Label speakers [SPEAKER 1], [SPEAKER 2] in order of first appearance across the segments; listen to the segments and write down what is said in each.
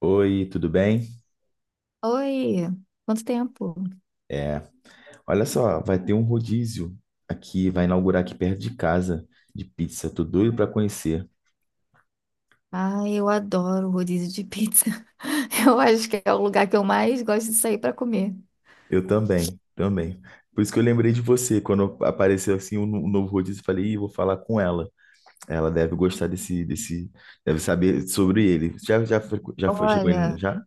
[SPEAKER 1] Oi, tudo bem?
[SPEAKER 2] Oi, quanto tempo?
[SPEAKER 1] É, Olha só, vai ter um rodízio aqui, vai inaugurar aqui perto de casa de pizza. Tô doido para conhecer.
[SPEAKER 2] Ai, eu adoro rodízio de pizza. Eu acho que é o lugar que eu mais gosto de sair para comer.
[SPEAKER 1] Eu também, também. Por isso que eu lembrei de você quando apareceu assim um, um novo rodízio, eu falei, Ih, vou falar com ela. Ela deve gostar desse, deve saber sobre ele. Já, já, já foi, chegou ele
[SPEAKER 2] Olha,
[SPEAKER 1] já?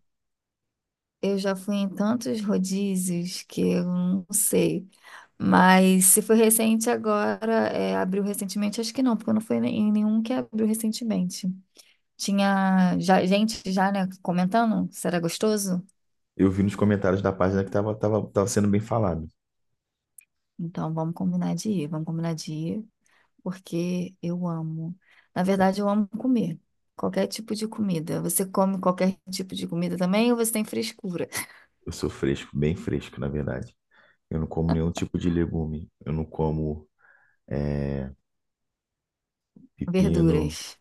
[SPEAKER 2] eu já fui em tantos rodízios que eu não sei. Mas se foi recente agora, é, abriu recentemente, acho que não, porque eu não fui em nenhum que abriu recentemente. Tinha já, gente já, né, comentando se era gostoso.
[SPEAKER 1] Eu vi nos comentários da página que tava sendo bem falado.
[SPEAKER 2] Então vamos combinar de ir, vamos combinar de ir. Porque eu amo. Na verdade, eu amo comer. Qualquer tipo de comida. Você come qualquer tipo de comida também ou você tem frescura?
[SPEAKER 1] Eu sou fresco, bem fresco, na verdade. Eu não como nenhum tipo de legume. Eu não como é, pepino.
[SPEAKER 2] Verduras.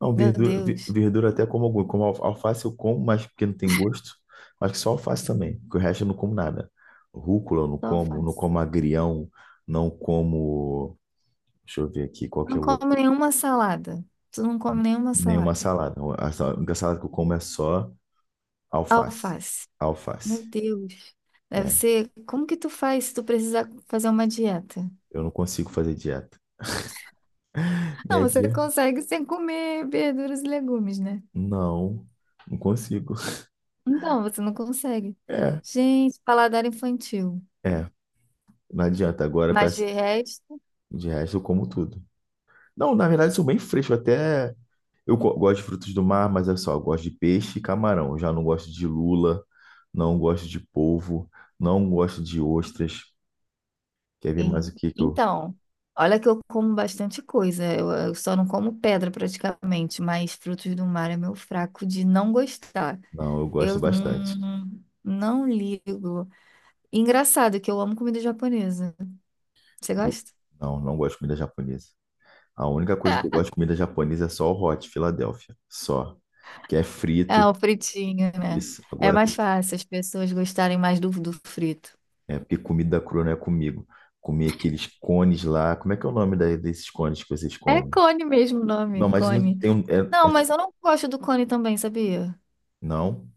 [SPEAKER 1] Não,
[SPEAKER 2] Meu
[SPEAKER 1] verdura,
[SPEAKER 2] Deus,
[SPEAKER 1] verdura até como alguma. Como alface eu como, mas porque não tem gosto. Acho que só alface também, porque o resto eu não como nada. Rúcula eu não
[SPEAKER 2] só
[SPEAKER 1] como, não
[SPEAKER 2] alface.
[SPEAKER 1] como agrião, não como. Deixa eu ver aqui qual que
[SPEAKER 2] Não
[SPEAKER 1] é o outro.
[SPEAKER 2] come nenhuma salada. Tu não come nenhuma
[SPEAKER 1] Nenhuma
[SPEAKER 2] salada.
[SPEAKER 1] salada. A única salada que eu como é só alface.
[SPEAKER 2] Alface.
[SPEAKER 1] Alface.
[SPEAKER 2] Meu Deus. Deve
[SPEAKER 1] É,
[SPEAKER 2] ser. Como que tu faz se tu precisar fazer uma dieta?
[SPEAKER 1] eu não consigo fazer dieta.
[SPEAKER 2] Não,
[SPEAKER 1] Minha
[SPEAKER 2] você
[SPEAKER 1] dieta?
[SPEAKER 2] consegue sem comer verduras e legumes, né?
[SPEAKER 1] Não, não consigo.
[SPEAKER 2] Então, você não consegue.
[SPEAKER 1] É,
[SPEAKER 2] Gente, paladar infantil.
[SPEAKER 1] é, não adianta. Agora com
[SPEAKER 2] Mas
[SPEAKER 1] essa,
[SPEAKER 2] de resto.
[SPEAKER 1] de resto eu como tudo. Não, na verdade eu sou bem fresco, até. Eu gosto de frutos do mar, mas é só, eu gosto de peixe e camarão. Eu já não gosto de lula, não gosto de polvo, não gosto de ostras. Quer ver mais
[SPEAKER 2] E-
[SPEAKER 1] o que que eu...
[SPEAKER 2] Então, olha que eu como bastante coisa. Eu só não como pedra praticamente, mas frutos do mar é meu fraco de não gostar.
[SPEAKER 1] Não, eu gosto
[SPEAKER 2] Eu
[SPEAKER 1] bastante.
[SPEAKER 2] não, não ligo. Engraçado que eu amo comida japonesa. Você
[SPEAKER 1] Eu...
[SPEAKER 2] gosta?
[SPEAKER 1] Não, não gosto de comida japonesa. A única coisa que eu gosto de comida japonesa é só o hot Philadelphia, só. Que é
[SPEAKER 2] É, é
[SPEAKER 1] frito,
[SPEAKER 2] o fritinho, né?
[SPEAKER 1] isso.
[SPEAKER 2] É
[SPEAKER 1] Agora,
[SPEAKER 2] mais fácil as pessoas gostarem mais do frito.
[SPEAKER 1] é porque comida crua não é comigo. Comer aqueles cones lá. Como é que é o nome desses cones que vocês
[SPEAKER 2] É
[SPEAKER 1] comem?
[SPEAKER 2] cone mesmo o
[SPEAKER 1] Não,
[SPEAKER 2] nome,
[SPEAKER 1] mas não
[SPEAKER 2] cone.
[SPEAKER 1] tem um...
[SPEAKER 2] Não, mas eu não gosto do cone também, sabia?
[SPEAKER 1] Não.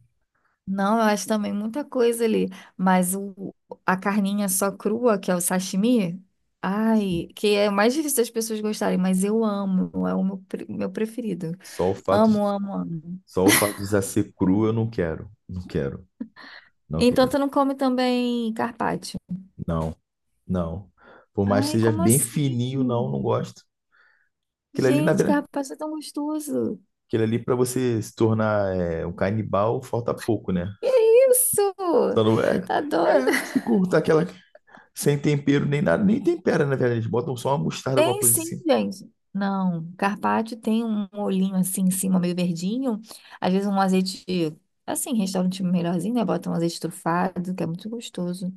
[SPEAKER 2] Não, eu acho também muita coisa ali. Mas o, a carninha só crua, que é o sashimi, ai, que é o mais difícil das pessoas gostarem, mas eu amo, é o meu, meu preferido.
[SPEAKER 1] Só o fato,
[SPEAKER 2] Amo, amo, amo.
[SPEAKER 1] só o fato de já ser cru, eu não quero. Não quero. Não
[SPEAKER 2] Então
[SPEAKER 1] quero.
[SPEAKER 2] tu não come também carpaccio?
[SPEAKER 1] Não, não. Por mais que
[SPEAKER 2] Ai,
[SPEAKER 1] seja
[SPEAKER 2] como
[SPEAKER 1] bem
[SPEAKER 2] assim?
[SPEAKER 1] fininho, não, não gosto. Aquilo ali, na
[SPEAKER 2] Gente,
[SPEAKER 1] verdade,
[SPEAKER 2] carpaccio é tão gostoso.
[SPEAKER 1] aquilo ali para você se tornar um canibal, falta pouco, né?
[SPEAKER 2] Que isso?
[SPEAKER 1] Só não é,
[SPEAKER 2] Tá doido?
[SPEAKER 1] se cortar aquela sem tempero nem nada, nem tempera, na verdade. Eles botam só uma mostarda, alguma
[SPEAKER 2] Tem
[SPEAKER 1] coisa
[SPEAKER 2] sim,
[SPEAKER 1] assim.
[SPEAKER 2] gente. Não, carpaccio tem um olhinho assim em cima, meio verdinho. Às vezes um azeite, assim, restaurante melhorzinho, né? Bota um azeite trufado, que é muito gostoso.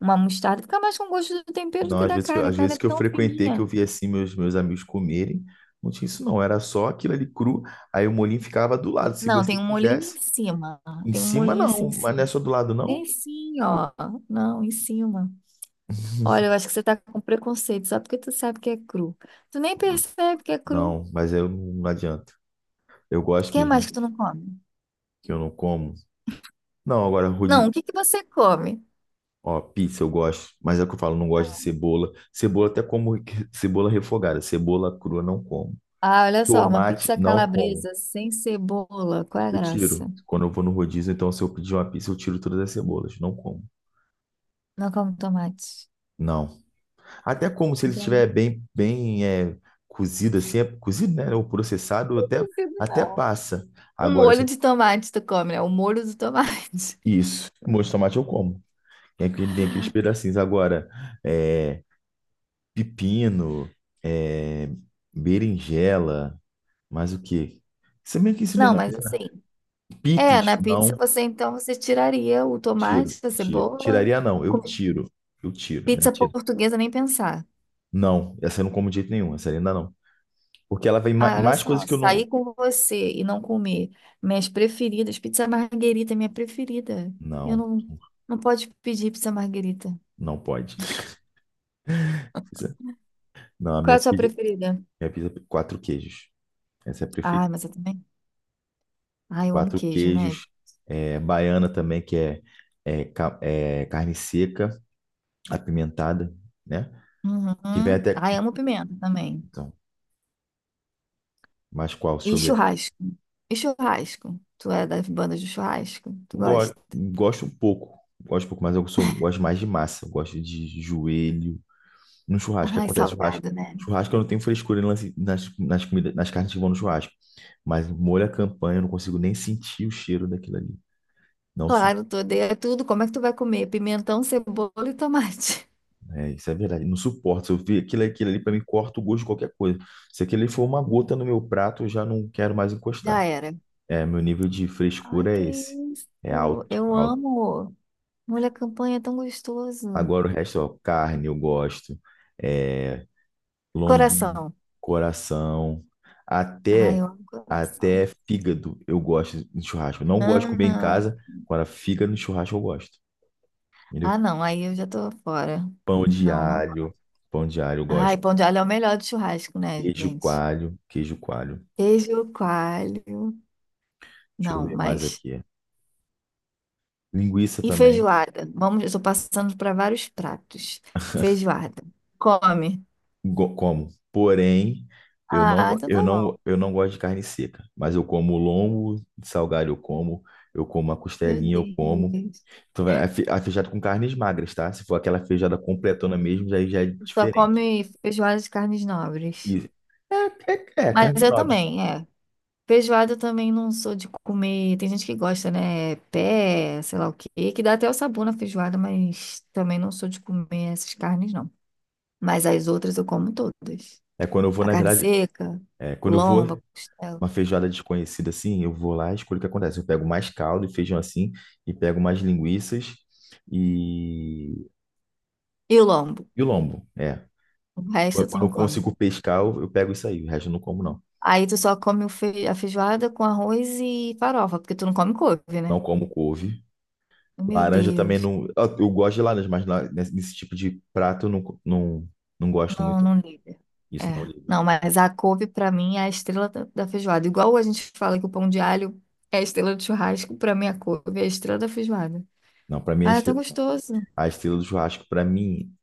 [SPEAKER 2] Uma mostarda, fica mais com gosto do tempero do
[SPEAKER 1] Não,
[SPEAKER 2] que
[SPEAKER 1] às
[SPEAKER 2] da
[SPEAKER 1] vezes,
[SPEAKER 2] carne. A
[SPEAKER 1] às
[SPEAKER 2] carne é
[SPEAKER 1] vezes que eu
[SPEAKER 2] tão
[SPEAKER 1] frequentei, que
[SPEAKER 2] fininha.
[SPEAKER 1] eu vi assim meus amigos comerem, não tinha isso não, era só aquilo ali cru, aí o molinho ficava do lado, se
[SPEAKER 2] Não,
[SPEAKER 1] você
[SPEAKER 2] tem um molhinho
[SPEAKER 1] quisesse.
[SPEAKER 2] em cima.
[SPEAKER 1] Em
[SPEAKER 2] Tem um
[SPEAKER 1] cima
[SPEAKER 2] molhinho assim
[SPEAKER 1] não,
[SPEAKER 2] em
[SPEAKER 1] mas não é
[SPEAKER 2] cima.
[SPEAKER 1] só do lado não?
[SPEAKER 2] Tem sim, ó. Não, em cima. Olha, eu acho que você tá com preconceito, só porque tu sabe que é cru. Tu nem
[SPEAKER 1] Não,
[SPEAKER 2] percebe que é cru. O
[SPEAKER 1] não, mas eu não adianta. Eu gosto
[SPEAKER 2] que mais
[SPEAKER 1] mesmo
[SPEAKER 2] que tu não come?
[SPEAKER 1] que eu não como. Não, agora
[SPEAKER 2] Não,
[SPEAKER 1] rude,
[SPEAKER 2] o que que você come?
[SPEAKER 1] ó, pizza eu gosto, mas é o que eu falo, não gosto de cebola. Cebola até como cebola refogada, cebola crua não como.
[SPEAKER 2] Ah, olha só, uma
[SPEAKER 1] Tomate
[SPEAKER 2] pizza
[SPEAKER 1] não como.
[SPEAKER 2] calabresa sem cebola. Qual é a
[SPEAKER 1] Eu
[SPEAKER 2] graça?
[SPEAKER 1] tiro. Quando eu vou no rodízio, então se eu pedir uma pizza, eu tiro todas as cebolas, não como.
[SPEAKER 2] Não como tomate.
[SPEAKER 1] Não. Até como se ele estiver
[SPEAKER 2] Gente,
[SPEAKER 1] bem cozido assim, é cozido, né, ou processado,
[SPEAKER 2] não consigo,
[SPEAKER 1] até
[SPEAKER 2] não.
[SPEAKER 1] passa.
[SPEAKER 2] Um
[SPEAKER 1] Agora
[SPEAKER 2] molho
[SPEAKER 1] se-
[SPEAKER 2] de tomate tu come, né? O molho do tomate.
[SPEAKER 1] Isso, molho de tomate eu como. Vem aqueles pedacinhos. Agora, é, pepino, é, berinjela, mais o quê? Se bem que isso vem
[SPEAKER 2] Não,
[SPEAKER 1] na
[SPEAKER 2] mas
[SPEAKER 1] piscina.
[SPEAKER 2] assim, é,
[SPEAKER 1] Picles,
[SPEAKER 2] na pizza
[SPEAKER 1] não,
[SPEAKER 2] você então você tiraria o
[SPEAKER 1] tiro,
[SPEAKER 2] tomate, a
[SPEAKER 1] tiro.
[SPEAKER 2] cebola.
[SPEAKER 1] Tiraria não, eu
[SPEAKER 2] Com-
[SPEAKER 1] tiro. Eu tiro, né?
[SPEAKER 2] Pizza
[SPEAKER 1] Tiro.
[SPEAKER 2] portuguesa nem pensar.
[SPEAKER 1] Não, essa eu não como de jeito nenhum, essa ainda não. Porque ela vem
[SPEAKER 2] Ah, olha
[SPEAKER 1] mais coisas
[SPEAKER 2] só,
[SPEAKER 1] que eu não.
[SPEAKER 2] sair com você e não comer minhas preferidas, pizza marguerita é minha preferida. Eu
[SPEAKER 1] Não,
[SPEAKER 2] não, não pode pedir pizza marguerita.
[SPEAKER 1] não pode. Pizza, não, a
[SPEAKER 2] Qual é a sua preferida?
[SPEAKER 1] minha pizza é quatro queijos. Essa é a
[SPEAKER 2] Ah,
[SPEAKER 1] preferida.
[SPEAKER 2] mas eu também. Ai, eu amo
[SPEAKER 1] Quatro
[SPEAKER 2] queijo, né?
[SPEAKER 1] queijos, é, baiana também, que é, é carne seca, apimentada, né? Que vem
[SPEAKER 2] Uhum.
[SPEAKER 1] até.
[SPEAKER 2] Ai, amo pimenta também.
[SPEAKER 1] Então, mas qual? Deixa
[SPEAKER 2] E
[SPEAKER 1] eu ver.
[SPEAKER 2] churrasco. E churrasco? Tu é das bandas de churrasco? Tu gosta?
[SPEAKER 1] Gosto um pouco. Gosto um pouco, mas gosto mais de massa. Eu gosto de joelho. No churrasco, que
[SPEAKER 2] Ai,
[SPEAKER 1] acontece? Churrasco.
[SPEAKER 2] salgado, né?
[SPEAKER 1] Churrasco eu não tenho frescura em nas, nas comidas, nas carnes que vão no churrasco. Mas molho à campanha, eu não consigo nem sentir o cheiro daquilo ali. Não, su-
[SPEAKER 2] Claro, tu odeia tudo. Como é que tu vai comer? Pimentão, cebola e tomate.
[SPEAKER 1] É, isso é verdade. Não suporto. Se eu ver aquilo, aquilo ali, pra mim, corta o gosto de qualquer coisa. Se aquilo ali for uma gota no meu prato, eu já não quero mais
[SPEAKER 2] Já
[SPEAKER 1] encostar.
[SPEAKER 2] era.
[SPEAKER 1] É, meu nível de
[SPEAKER 2] Ai,
[SPEAKER 1] frescura é
[SPEAKER 2] que
[SPEAKER 1] esse.
[SPEAKER 2] isso.
[SPEAKER 1] É alto,
[SPEAKER 2] Eu
[SPEAKER 1] alto.
[SPEAKER 2] amo. Molho à campanha é tão gostoso.
[SPEAKER 1] Agora o resto, ó, carne eu gosto, é, lombinho,
[SPEAKER 2] Coração.
[SPEAKER 1] coração,
[SPEAKER 2] Ai,
[SPEAKER 1] até
[SPEAKER 2] eu amo coração.
[SPEAKER 1] até fígado eu gosto de churrasco. Não gosto de comer em
[SPEAKER 2] Ah,
[SPEAKER 1] casa, agora fígado no churrasco eu gosto, entendeu?
[SPEAKER 2] ah, não. Aí eu já tô fora.
[SPEAKER 1] Pão de
[SPEAKER 2] Não, não.
[SPEAKER 1] alho, pão de alho eu
[SPEAKER 2] Ai,
[SPEAKER 1] gosto.
[SPEAKER 2] pão de alho é o melhor de churrasco, né, gente?
[SPEAKER 1] Queijo coalho.
[SPEAKER 2] Queijo coalho.
[SPEAKER 1] Deixa eu
[SPEAKER 2] Não,
[SPEAKER 1] ver mais
[SPEAKER 2] mas.
[SPEAKER 1] aqui. Linguiça
[SPEAKER 2] E
[SPEAKER 1] também,
[SPEAKER 2] feijoada? Vamos, eu estou passando para vários pratos. Feijoada. Come.
[SPEAKER 1] como. Porém, eu não,
[SPEAKER 2] Ah,
[SPEAKER 1] go-
[SPEAKER 2] então tá bom.
[SPEAKER 1] eu não gosto de carne seca, mas eu como lombo, salgado eu como a
[SPEAKER 2] Meu
[SPEAKER 1] costelinha, eu como.
[SPEAKER 2] Deus.
[SPEAKER 1] Tô vendo, a feijoada com carnes magras, tá? Se for aquela feijoada completona mesmo, aí já é
[SPEAKER 2] Só
[SPEAKER 1] diferente.
[SPEAKER 2] come feijoada de carnes nobres.
[SPEAKER 1] E é, É
[SPEAKER 2] Mas
[SPEAKER 1] carnes
[SPEAKER 2] eu
[SPEAKER 1] nobres.
[SPEAKER 2] também, é. Feijoada eu também não sou de comer. Tem gente que gosta, né? Pé, sei lá o quê, que dá até o sabor na feijoada, mas também não sou de comer essas carnes, não. Mas as outras eu como todas.
[SPEAKER 1] É quando eu vou,
[SPEAKER 2] A
[SPEAKER 1] na
[SPEAKER 2] carne
[SPEAKER 1] verdade,
[SPEAKER 2] seca, o
[SPEAKER 1] quando eu vou
[SPEAKER 2] lombo, a costela.
[SPEAKER 1] uma feijoada desconhecida assim, eu vou lá e escolho o que acontece. Eu pego mais caldo e feijão assim, e pego mais linguiças e,
[SPEAKER 2] E o lombo?
[SPEAKER 1] e o lombo. É.
[SPEAKER 2] O resto tu
[SPEAKER 1] Quando
[SPEAKER 2] não
[SPEAKER 1] eu
[SPEAKER 2] come.
[SPEAKER 1] consigo pescar, eu pego isso aí. O resto eu não como, não.
[SPEAKER 2] Aí tu só come o a feijoada com arroz e farofa, porque tu não come couve,
[SPEAKER 1] Não
[SPEAKER 2] né?
[SPEAKER 1] como couve.
[SPEAKER 2] Meu
[SPEAKER 1] Laranja também
[SPEAKER 2] Deus.
[SPEAKER 1] não. Eu gosto de laranja, mas lá nesse tipo de prato eu não, não, não gosto
[SPEAKER 2] Não,
[SPEAKER 1] muito.
[SPEAKER 2] não liga.
[SPEAKER 1] Isso não.
[SPEAKER 2] É. Não, mas a couve pra mim é a estrela da feijoada. Igual a gente fala que o pão de alho é a estrela do churrasco, pra mim a couve é a estrela da feijoada.
[SPEAKER 1] Não, pra mim
[SPEAKER 2] Ah, é tão gostoso.
[SPEAKER 1] a estrela do churrasco, pra mim,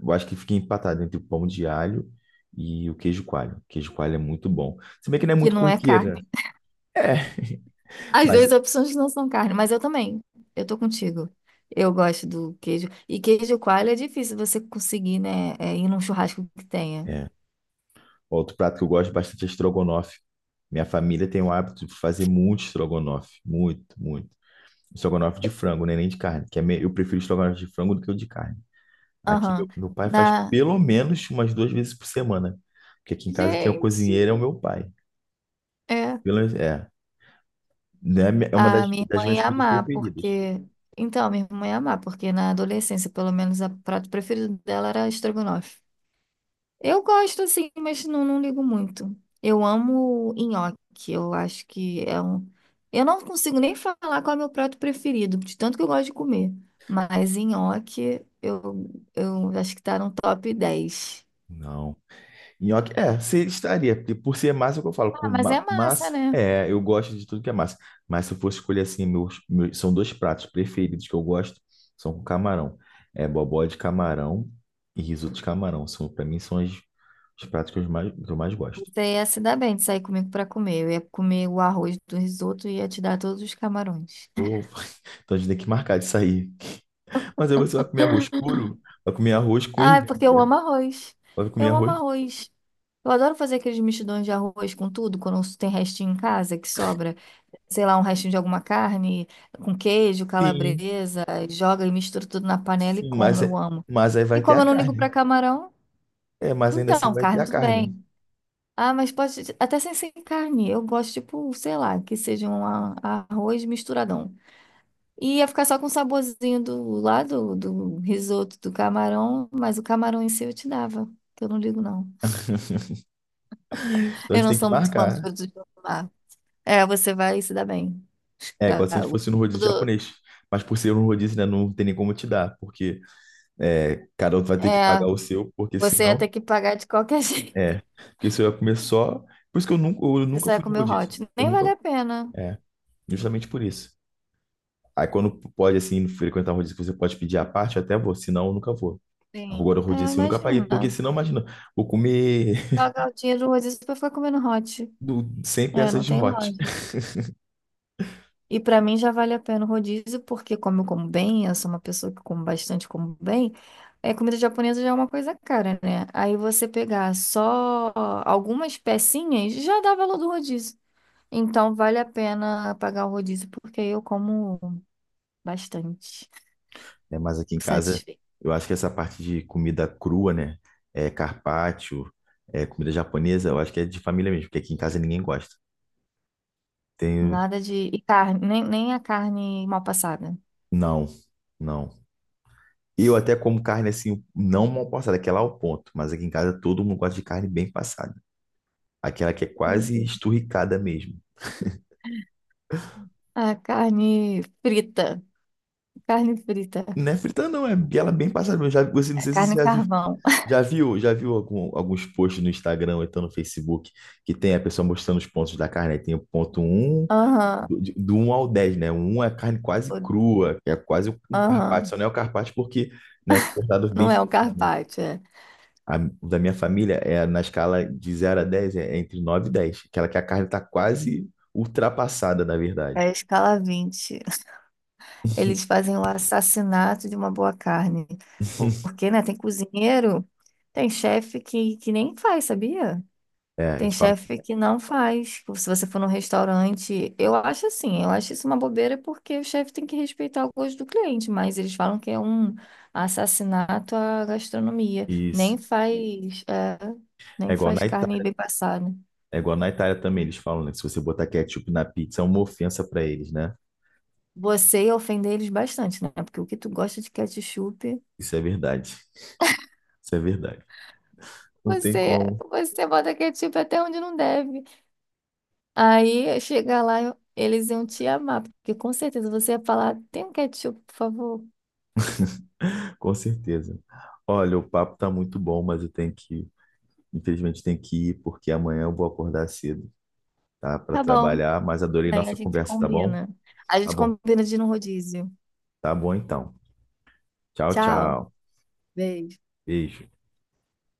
[SPEAKER 1] eu acho que fica empatado entre o pão de alho e o queijo coalho. O queijo coalho é muito bom. Se bem que não é
[SPEAKER 2] Que
[SPEAKER 1] muito
[SPEAKER 2] não é
[SPEAKER 1] corriqueira.
[SPEAKER 2] carne.
[SPEAKER 1] É,
[SPEAKER 2] As
[SPEAKER 1] mas
[SPEAKER 2] duas opções não são carne, mas eu também. Eu tô contigo. Eu gosto do queijo. E queijo coalho é difícil você conseguir, né? É, ir num churrasco que tenha.
[SPEAKER 1] é. Outro prato que eu gosto bastante é estrogonofe. Minha família tem o hábito de fazer muito estrogonofe, muito, muito. Estrogonofe de frango, né? Nem de carne, eu prefiro estrogonofe de frango do que o de carne. Aqui
[SPEAKER 2] Aham.
[SPEAKER 1] meu pai faz
[SPEAKER 2] Na,
[SPEAKER 1] pelo menos umas duas vezes por semana, porque aqui em casa quem é o
[SPEAKER 2] gente,
[SPEAKER 1] cozinheiro é o meu pai.
[SPEAKER 2] é.
[SPEAKER 1] Pelo, é, né? É uma
[SPEAKER 2] A minha irmã
[SPEAKER 1] das minhas
[SPEAKER 2] ia
[SPEAKER 1] comidas
[SPEAKER 2] amar,
[SPEAKER 1] preferidas.
[SPEAKER 2] porque. Então, a minha irmã ia amar, porque na adolescência, pelo menos, o prato preferido dela era estrogonofe. Eu gosto, assim, mas não, não ligo muito. Eu amo nhoque, eu acho que é um. Eu não consigo nem falar qual é o meu prato preferido, de tanto que eu gosto de comer. Mas nhoque, eu acho que tá no top 10.
[SPEAKER 1] Não. Nhoque, estaria, porque por ser massa, é o que eu falo,
[SPEAKER 2] Ah,
[SPEAKER 1] com
[SPEAKER 2] mas é massa,
[SPEAKER 1] massa,
[SPEAKER 2] né?
[SPEAKER 1] é, eu gosto de tudo que é massa. Mas se eu fosse escolher assim, são dois pratos preferidos que eu gosto, são com camarão. É bobó de camarão e risoto de camarão. São, para mim, são os pratos que eu mais gosto.
[SPEAKER 2] Você ia se dar bem de sair comigo pra comer. Eu ia comer o arroz do risoto e ia te dar todos os camarões.
[SPEAKER 1] Pô, então a gente tem que marcar de sair. Mas aí você vai comer arroz puro? Vai comer arroz com
[SPEAKER 2] Ai, porque eu
[SPEAKER 1] ervilha.
[SPEAKER 2] amo arroz.
[SPEAKER 1] Vai comer
[SPEAKER 2] Eu amo
[SPEAKER 1] arroz?
[SPEAKER 2] arroz. Eu adoro fazer aqueles mexidões de arroz com tudo, quando tem restinho em casa que sobra, sei lá, um restinho de alguma carne, com queijo,
[SPEAKER 1] Sim,
[SPEAKER 2] calabresa, joga e mistura tudo na panela e
[SPEAKER 1] sim,
[SPEAKER 2] como,
[SPEAKER 1] mas,
[SPEAKER 2] eu amo.
[SPEAKER 1] mas aí
[SPEAKER 2] E
[SPEAKER 1] vai ter a
[SPEAKER 2] como eu não ligo pra
[SPEAKER 1] carne.
[SPEAKER 2] camarão,
[SPEAKER 1] É, mas ainda assim
[SPEAKER 2] então,
[SPEAKER 1] vai ter
[SPEAKER 2] carne
[SPEAKER 1] a
[SPEAKER 2] tudo
[SPEAKER 1] carne.
[SPEAKER 2] bem. Ah, mas pode, até sem, sem carne, eu gosto, tipo, sei lá, que seja um arroz misturadão. E ia ficar só com o saborzinho do lá do risoto do camarão, mas o camarão em si eu te dava, que eu não ligo não.
[SPEAKER 1] Então a
[SPEAKER 2] Eu
[SPEAKER 1] gente
[SPEAKER 2] não
[SPEAKER 1] tem que
[SPEAKER 2] sou muito fã dos
[SPEAKER 1] marcar.
[SPEAKER 2] produtos do mar. É, você vai se dar bem.
[SPEAKER 1] É, quase se a gente
[SPEAKER 2] Cago.
[SPEAKER 1] fosse no rodízio
[SPEAKER 2] Tudo,
[SPEAKER 1] japonês. Mas por ser um rodízio, né, não tem nem como te dar, porque cada outro vai ter que
[SPEAKER 2] é,
[SPEAKER 1] pagar o seu, porque
[SPEAKER 2] você ia
[SPEAKER 1] senão.
[SPEAKER 2] ter que pagar de qualquer jeito.
[SPEAKER 1] É. Porque se eu ia comer só. Por isso que eu
[SPEAKER 2] Você
[SPEAKER 1] nunca
[SPEAKER 2] só ia
[SPEAKER 1] fui no
[SPEAKER 2] comer o
[SPEAKER 1] rodízio.
[SPEAKER 2] hot.
[SPEAKER 1] Eu
[SPEAKER 2] Nem vale
[SPEAKER 1] nunca.
[SPEAKER 2] a pena.
[SPEAKER 1] É, justamente por isso. Aí quando pode, assim, frequentar um rodízio que você pode pedir à parte, eu até vou, senão eu nunca vou.
[SPEAKER 2] Sim.
[SPEAKER 1] Agora o
[SPEAKER 2] É,
[SPEAKER 1] rodízio assim, eu nunca paguei,
[SPEAKER 2] imagina.
[SPEAKER 1] porque senão, imagina, vou comer
[SPEAKER 2] Pagar o dinheiro do rodízio pra ficar comendo hot.
[SPEAKER 1] 100
[SPEAKER 2] É,
[SPEAKER 1] peças
[SPEAKER 2] não
[SPEAKER 1] de
[SPEAKER 2] tem
[SPEAKER 1] hot.
[SPEAKER 2] lógica. E para mim já vale a pena o rodízio, porque como eu como bem, eu sou uma pessoa que como bastante, como bem, é, comida japonesa já é uma coisa cara, né? Aí você pegar só algumas pecinhas já dá valor do rodízio. Então vale a pena pagar o rodízio, porque eu como bastante,
[SPEAKER 1] Né? Mas aqui em
[SPEAKER 2] fico
[SPEAKER 1] casa,
[SPEAKER 2] satisfeita.
[SPEAKER 1] eu acho que essa parte de comida crua, né? É carpaccio, é comida japonesa, eu acho que é de família mesmo, porque aqui em casa ninguém gosta. Tenho.
[SPEAKER 2] Nada de... E carne, nem, nem a carne mal passada.
[SPEAKER 1] Não, não. Eu até como carne assim, não mal passada, aquela ao ponto, mas aqui em casa todo mundo gosta de carne bem passada. Aquela que é quase
[SPEAKER 2] Uhum.
[SPEAKER 1] esturricada mesmo.
[SPEAKER 2] A carne frita, carne frita,
[SPEAKER 1] Não é frita, não, é ela bem passada. Você, não sei se você
[SPEAKER 2] carne
[SPEAKER 1] já viu,
[SPEAKER 2] carvão.
[SPEAKER 1] já viu, já viu alguns posts no Instagram ou então no Facebook que tem a pessoa mostrando os pontos da carne? Aí tem o ponto um
[SPEAKER 2] Aham,
[SPEAKER 1] do 1 ao 10, né? O 1 é carne quase
[SPEAKER 2] o-
[SPEAKER 1] crua, que é quase um carpaccio,
[SPEAKER 2] aham.
[SPEAKER 1] só não é o carpaccio porque, né, é cortado bem
[SPEAKER 2] Não é o
[SPEAKER 1] fininho, né?
[SPEAKER 2] carpaccio, é.
[SPEAKER 1] O da minha família é na escala de 0 a 10 é entre 9 e 10, aquela que a carne está quase ultrapassada, na
[SPEAKER 2] É
[SPEAKER 1] verdade.
[SPEAKER 2] a escala 20. Eles fazem o assassinato de uma boa carne. Porque, né, tem cozinheiro, tem chefe que nem faz, sabia?
[SPEAKER 1] É,
[SPEAKER 2] Tem
[SPEAKER 1] eles falam
[SPEAKER 2] chefe que não faz. Se você for num restaurante, eu acho assim, eu acho isso uma bobeira porque o chefe tem que respeitar o gosto do cliente, mas eles falam que é um assassinato à gastronomia.
[SPEAKER 1] isso.
[SPEAKER 2] Nem faz, é,
[SPEAKER 1] É
[SPEAKER 2] nem
[SPEAKER 1] igual
[SPEAKER 2] faz
[SPEAKER 1] na
[SPEAKER 2] carne
[SPEAKER 1] Itália,
[SPEAKER 2] bem passada.
[SPEAKER 1] é igual na Itália também, eles falam, né, que se você botar ketchup na pizza é uma ofensa para eles, né?
[SPEAKER 2] Você ia ofender eles bastante, né? Porque o que tu gosta de ketchup,
[SPEAKER 1] Isso é verdade. Isso é verdade. Não tem
[SPEAKER 2] você,
[SPEAKER 1] como,
[SPEAKER 2] você bota ketchup até onde não deve. Aí chegar lá, eles iam te amar, porque com certeza você ia falar: tem um ketchup, por favor?
[SPEAKER 1] com certeza. Olha, o papo tá muito bom, mas eu tenho que, infelizmente, tenho que ir porque amanhã eu vou acordar cedo, tá? Para
[SPEAKER 2] Tá bom.
[SPEAKER 1] trabalhar, mas adorei
[SPEAKER 2] Bem, a
[SPEAKER 1] nossa
[SPEAKER 2] gente
[SPEAKER 1] conversa, tá bom?
[SPEAKER 2] combina. A
[SPEAKER 1] Tá
[SPEAKER 2] gente
[SPEAKER 1] bom.
[SPEAKER 2] combina de ir no rodízio.
[SPEAKER 1] Tá bom então. Tchau,
[SPEAKER 2] Tchau.
[SPEAKER 1] tchau.
[SPEAKER 2] Beijo.
[SPEAKER 1] Beijo.